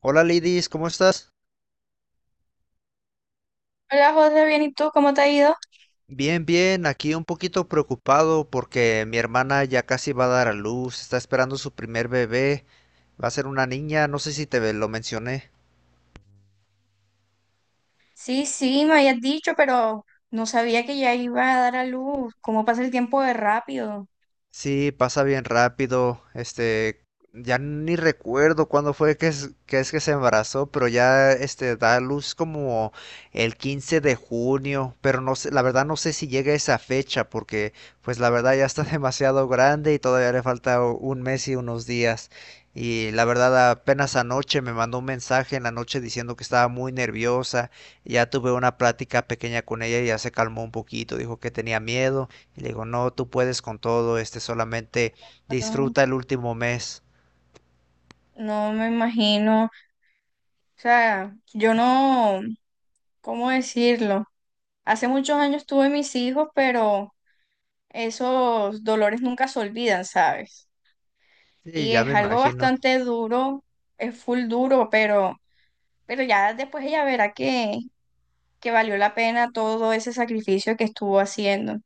Hola Lidis, ¿cómo estás? Hola José, bien, ¿y tú cómo te ha ido? Bien, bien, aquí un poquito preocupado porque mi hermana ya casi va a dar a luz, está esperando su primer bebé, va a ser una niña, no sé si te lo mencioné. Sí, sí, me habías dicho, pero no sabía que ya iba a dar a luz. ¿Cómo pasa el tiempo de rápido? Sí, pasa bien rápido. Ya ni recuerdo cuándo fue que se embarazó, pero ya da a luz como el 15 de junio, pero no sé, la verdad no sé si llega esa fecha porque pues la verdad ya está demasiado grande y todavía le falta un mes y unos días. Y la verdad apenas anoche me mandó un mensaje en la noche diciendo que estaba muy nerviosa. Ya tuve una plática pequeña con ella y ya se calmó un poquito, dijo que tenía miedo y le digo, no, tú puedes con todo, solamente Pero disfruta el último mes. no me imagino. O sea, yo no, ¿cómo decirlo? Hace muchos años tuve mis hijos, pero esos dolores nunca se olvidan, ¿sabes? Sí, Y ya me es algo imagino. bastante duro, es full duro, pero ya después ella verá que valió la pena todo ese sacrificio que estuvo haciendo.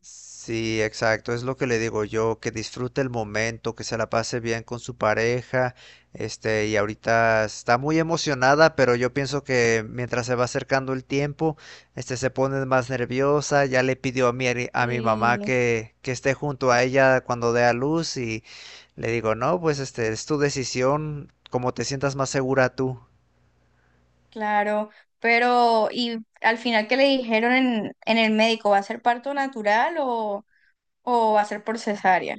Sí, exacto, es lo que le digo yo, que disfrute el momento, que se la pase bien con su pareja, y ahorita está muy emocionada, pero yo pienso que mientras se va acercando el tiempo, se pone más nerviosa, ya le pidió a mi mamá Sí. que esté junto a ella cuando dé a luz. Y le digo, no, pues es tu decisión, como te sientas más segura tú. Claro, pero ¿y al final qué le dijeron en el médico? ¿Va a ser parto natural o va a ser por cesárea?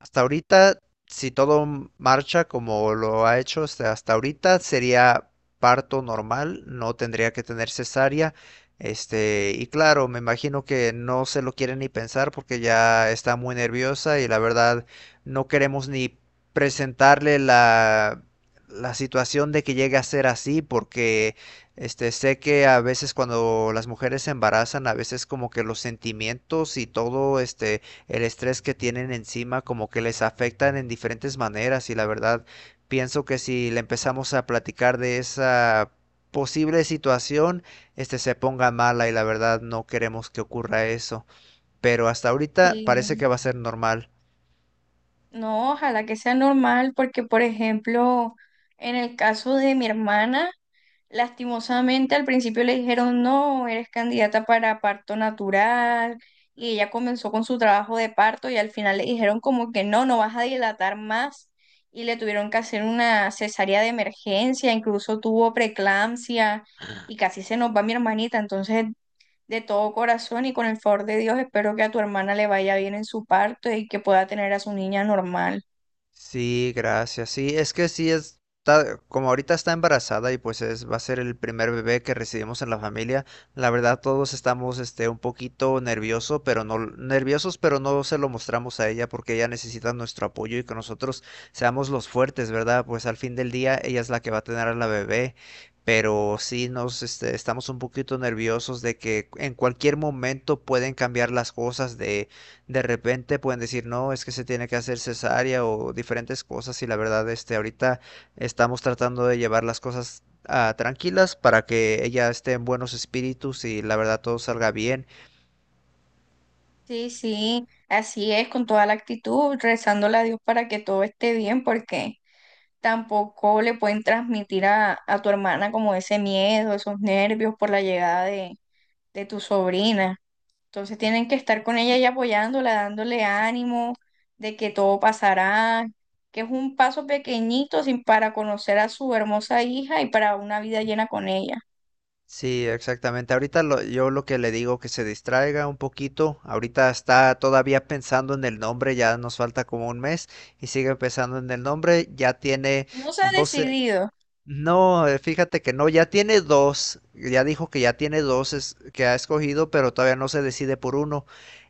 Hasta ahorita, si todo marcha como lo ha hecho hasta ahorita, sería parto normal, no tendría que tener cesárea. Y claro, me imagino que no se lo quiere ni pensar porque ya está muy nerviosa y la verdad no queremos ni presentarle la situación de que llegue a ser así porque sé que a veces cuando las mujeres se embarazan, a veces como que los sentimientos y todo, el estrés que tienen encima como que les afectan en diferentes maneras, y la verdad pienso que si le empezamos a platicar de esa posible situación, se ponga mala, y la verdad no queremos que ocurra eso. Pero hasta ahorita Sí. parece que va a ser normal. No, ojalá que sea normal porque, por ejemplo, en el caso de mi hermana, lastimosamente, al principio le dijeron, no, eres candidata para parto natural, y ella comenzó con su trabajo de parto y al final le dijeron como que no, no vas a dilatar más, y le tuvieron que hacer una cesárea de emergencia, incluso tuvo preeclampsia y casi se nos va mi hermanita, entonces de todo corazón y con el favor de Dios espero que a tu hermana le vaya bien en su parto y que pueda tener a su niña normal. Sí, gracias. Sí, es que sí está, como ahorita está embarazada, y pues es, va a ser el primer bebé que recibimos en la familia. La verdad, todos estamos un poquito nervioso, pero no nerviosos, pero no se lo mostramos a ella porque ella necesita nuestro apoyo y que nosotros seamos los fuertes, ¿verdad? Pues al fin del día ella es la que va a tener a la bebé. Pero sí nos estamos un poquito nerviosos de que en cualquier momento pueden cambiar las cosas. De repente pueden decir, no, es que se tiene que hacer cesárea o diferentes cosas, y la verdad, ahorita estamos tratando de llevar las cosas tranquilas para que ella esté en buenos espíritus y la verdad todo salga bien. Sí, sí, así es, con toda la actitud, rezándole a Dios para que todo esté bien, porque tampoco le pueden transmitir a tu hermana como ese miedo, esos nervios por la llegada de tu sobrina. Entonces tienen que estar con ella y apoyándola, dándole ánimo de que todo pasará, que es un paso pequeñito sin para conocer a su hermosa hija y para una vida llena con ella. Sí, exactamente. Ahorita yo lo que le digo que se distraiga un poquito. Ahorita está todavía pensando en el nombre, ya nos falta como un mes y sigue pensando en el nombre. Ya tiene No se ha 12. decidido. No, fíjate que no, ya tiene dos, ya dijo que ya tiene dos que ha escogido, pero todavía no se decide por uno.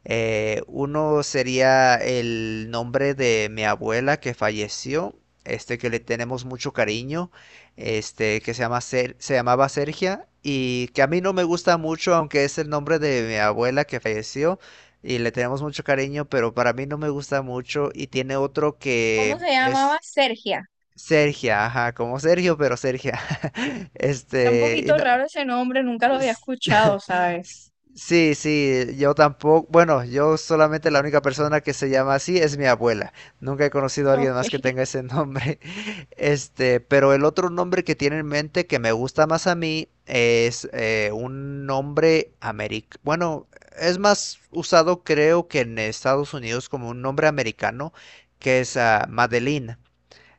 Uno sería el nombre de mi abuela que falleció, que le tenemos mucho cariño, que se llamaba Sergia, y que a mí no me gusta mucho, aunque es el nombre de mi abuela que falleció y le tenemos mucho cariño, pero para mí no me gusta mucho, y tiene otro ¿Cómo que se llamaba? es Sergia. Sergia, ajá, como Sergio, pero Sergia. Está un Este, y poquito no- raro ese nombre, nunca lo había s- escuchado, ¿sabes? sí, sí, yo tampoco, bueno, yo solamente, la única persona que se llama así es mi abuela. Nunca he conocido a alguien Ok. más que tenga ese nombre. Pero el otro nombre que tiene en mente que me gusta más a mí es un nombre americano. Bueno, es más usado creo que en Estados Unidos como un nombre americano que es Madeline.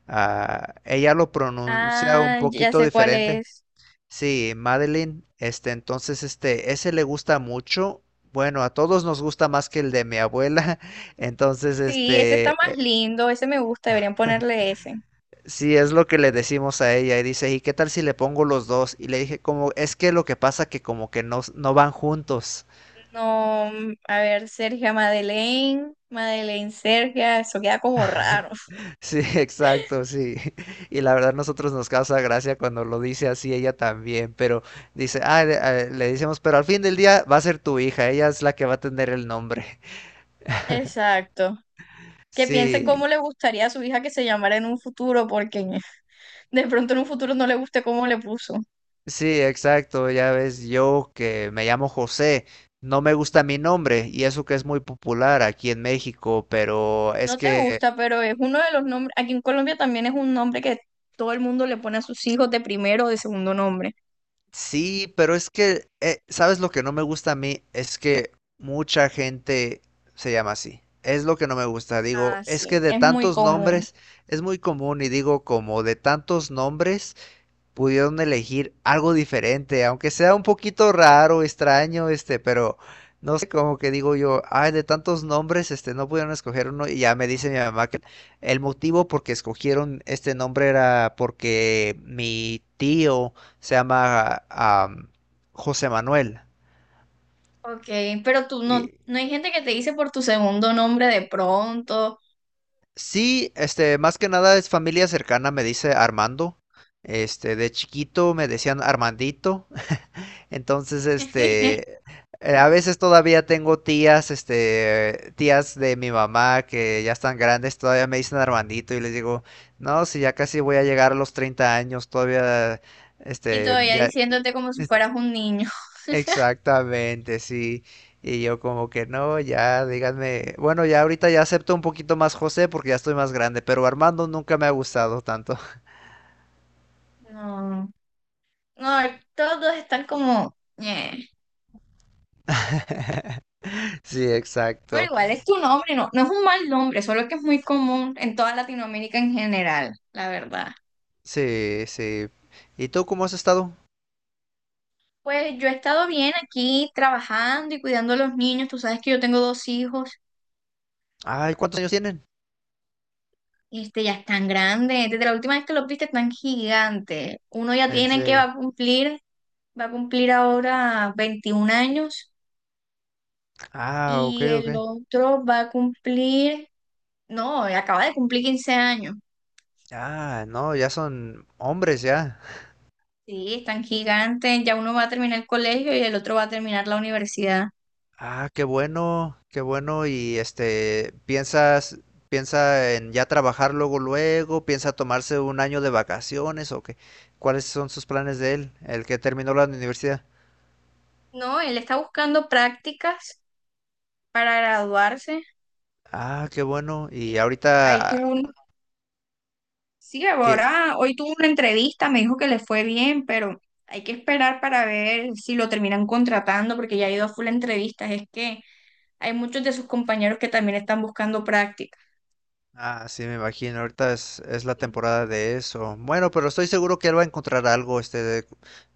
Ah, ella lo pronuncia un Ah, ya poquito sé cuál diferente. es. Sí, Madeline, entonces, ese le gusta mucho. Bueno, a todos nos gusta más que el de mi abuela. Entonces, Sí, ese está más lindo, ese me gusta, deberían ponerle ese. sí, es lo que le decimos a ella. Y dice, ¿y qué tal si le pongo los dos? Y le dije, como, es que lo que pasa que como que no, no van juntos. No, mm, a ver, Sergia Madeleine, Madeleine Sergia, eso queda como raro. Sí, exacto, sí. Y la verdad nosotros nos causa gracia cuando lo dice así ella también, pero dice, le decimos, pero al fin del día va a ser tu hija, ella es la que va a tener el nombre. Exacto. Que piense Sí, cómo le gustaría a su hija que se llamara en un futuro, porque de pronto en un futuro no le guste cómo le puso. sí, exacto, ya ves, yo que me llamo José, no me gusta mi nombre, y eso que es muy popular aquí en México, pero es No te que. gusta, pero es uno de los nombres, aquí en Colombia también es un nombre que todo el mundo le pone a sus hijos de primero o de segundo nombre. Sí, pero es que, ¿sabes lo que no me gusta a mí? Es que mucha gente se llama así. Es lo que no me gusta. Digo, Ah, es que sí, de es muy tantos común. nombres es muy común, y digo, como de tantos nombres pudieron elegir algo diferente, aunque sea un poquito raro, extraño, pero no sé, como que digo yo, ay, de tantos nombres, no pudieron escoger uno. Y ya me dice mi mamá que el motivo por que escogieron este nombre era porque mi tío se llama, José Manuel. Ok, pero tú no, Y no hay gente que te dice por tu segundo nombre de pronto. sí, más que nada es familia cercana, me dice Armando. De chiquito me decían Armandito. Entonces, a veces todavía tengo tías, tías de mi mamá que ya están grandes, todavía me dicen Armandito, y les digo, no, si ya casi voy a llegar a los 30 años, todavía, Y este, todavía ya, diciéndote como si este, fueras un niño. exactamente, sí. Y yo como que no, ya, díganme, bueno, ya ahorita ya acepto un poquito más José porque ya estoy más grande, pero Armando nunca me ha gustado tanto. No, no, todos están como "ñe". Sí, Pero exacto. igual es tu nombre, no, no es un mal nombre, solo que es muy común en toda Latinoamérica en general, la verdad. Sí, sí. ¿Y tú cómo has estado? Pues yo he estado bien aquí trabajando y cuidando a los niños. Tú sabes que yo tengo dos hijos, Ay, ¿cuántos años tienen? este, ya están grandes. Desde la última vez que los viste están gigantes. Uno ya ¿En tiene que serio? Va a cumplir ahora 21 años, Ah, ok, y ok. el otro va a cumplir, no, acaba de cumplir 15 años. Ah, no, ya son hombres ya. Sí, están gigantes. Ya uno va a terminar el colegio y el otro va a terminar la universidad. Ah, qué bueno, qué bueno. Y ¿Piensa en ya trabajar luego, luego? ¿Piensa tomarse un año de vacaciones o qué? ¿Cuáles son sus planes de él, el que terminó la universidad? No, él está buscando prácticas para graduarse. Ah, qué bueno. Y Ahí ahorita, tuvo un... Sí, ti- ahora, hoy tuvo una entrevista, me dijo que le fue bien, pero hay que esperar para ver si lo terminan contratando porque ya ha ido a full entrevistas. Es que hay muchos de sus compañeros que también están buscando prácticas. ah, sí, me imagino. Ahorita es la Sí, temporada de eso. Bueno, pero estoy seguro que él va a encontrar algo, este, de-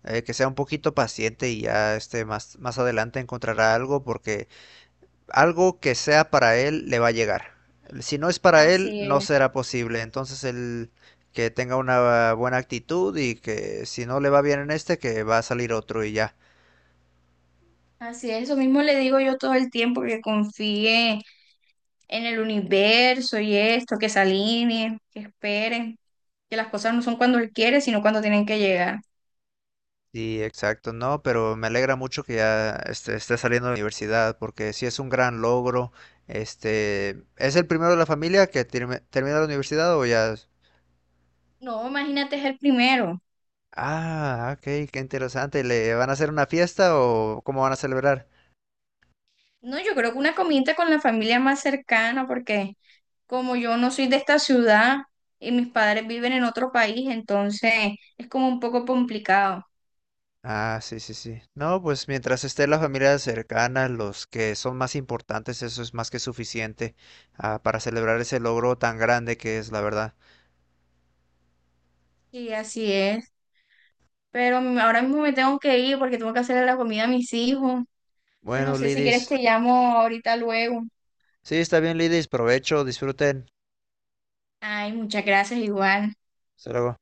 eh, que sea un poquito paciente, y ya, más adelante encontrará algo porque algo que sea para él le va a llegar. Si no es para él, Así no es, será posible. Entonces, el que tenga una buena actitud, y que si no le va bien en este, que va a salir otro y ya. así es, eso mismo le digo yo todo el tiempo, que confíe en el universo y esto, que se alineen, que esperen, que las cosas no son cuando él quiere, sino cuando tienen que llegar. Sí, exacto, no, pero me alegra mucho que ya esté saliendo de la universidad, porque sí es un gran logro. ¿Es el primero de la familia que termina la universidad o ya? No, imagínate, es el primero. Ah, ok, qué interesante. ¿Le van a hacer una fiesta o cómo van a celebrar? No, yo creo que una comida con la familia más cercana, porque como yo no soy de esta ciudad y mis padres viven en otro país, entonces es como un poco complicado. Ah, sí, sí, sí. No, pues mientras esté la familia cercana, los que son más importantes, eso es más que suficiente, para celebrar ese logro tan grande que es, la verdad. Sí, así es. Pero ahora mismo me tengo que ir porque tengo que hacerle la comida a mis hijos. Entonces, no Bueno, sé si quieres te Lidis. llamo ahorita luego. Sí, está bien, Lidis. Provecho, disfruten. Ay, muchas gracias igual. Hasta luego.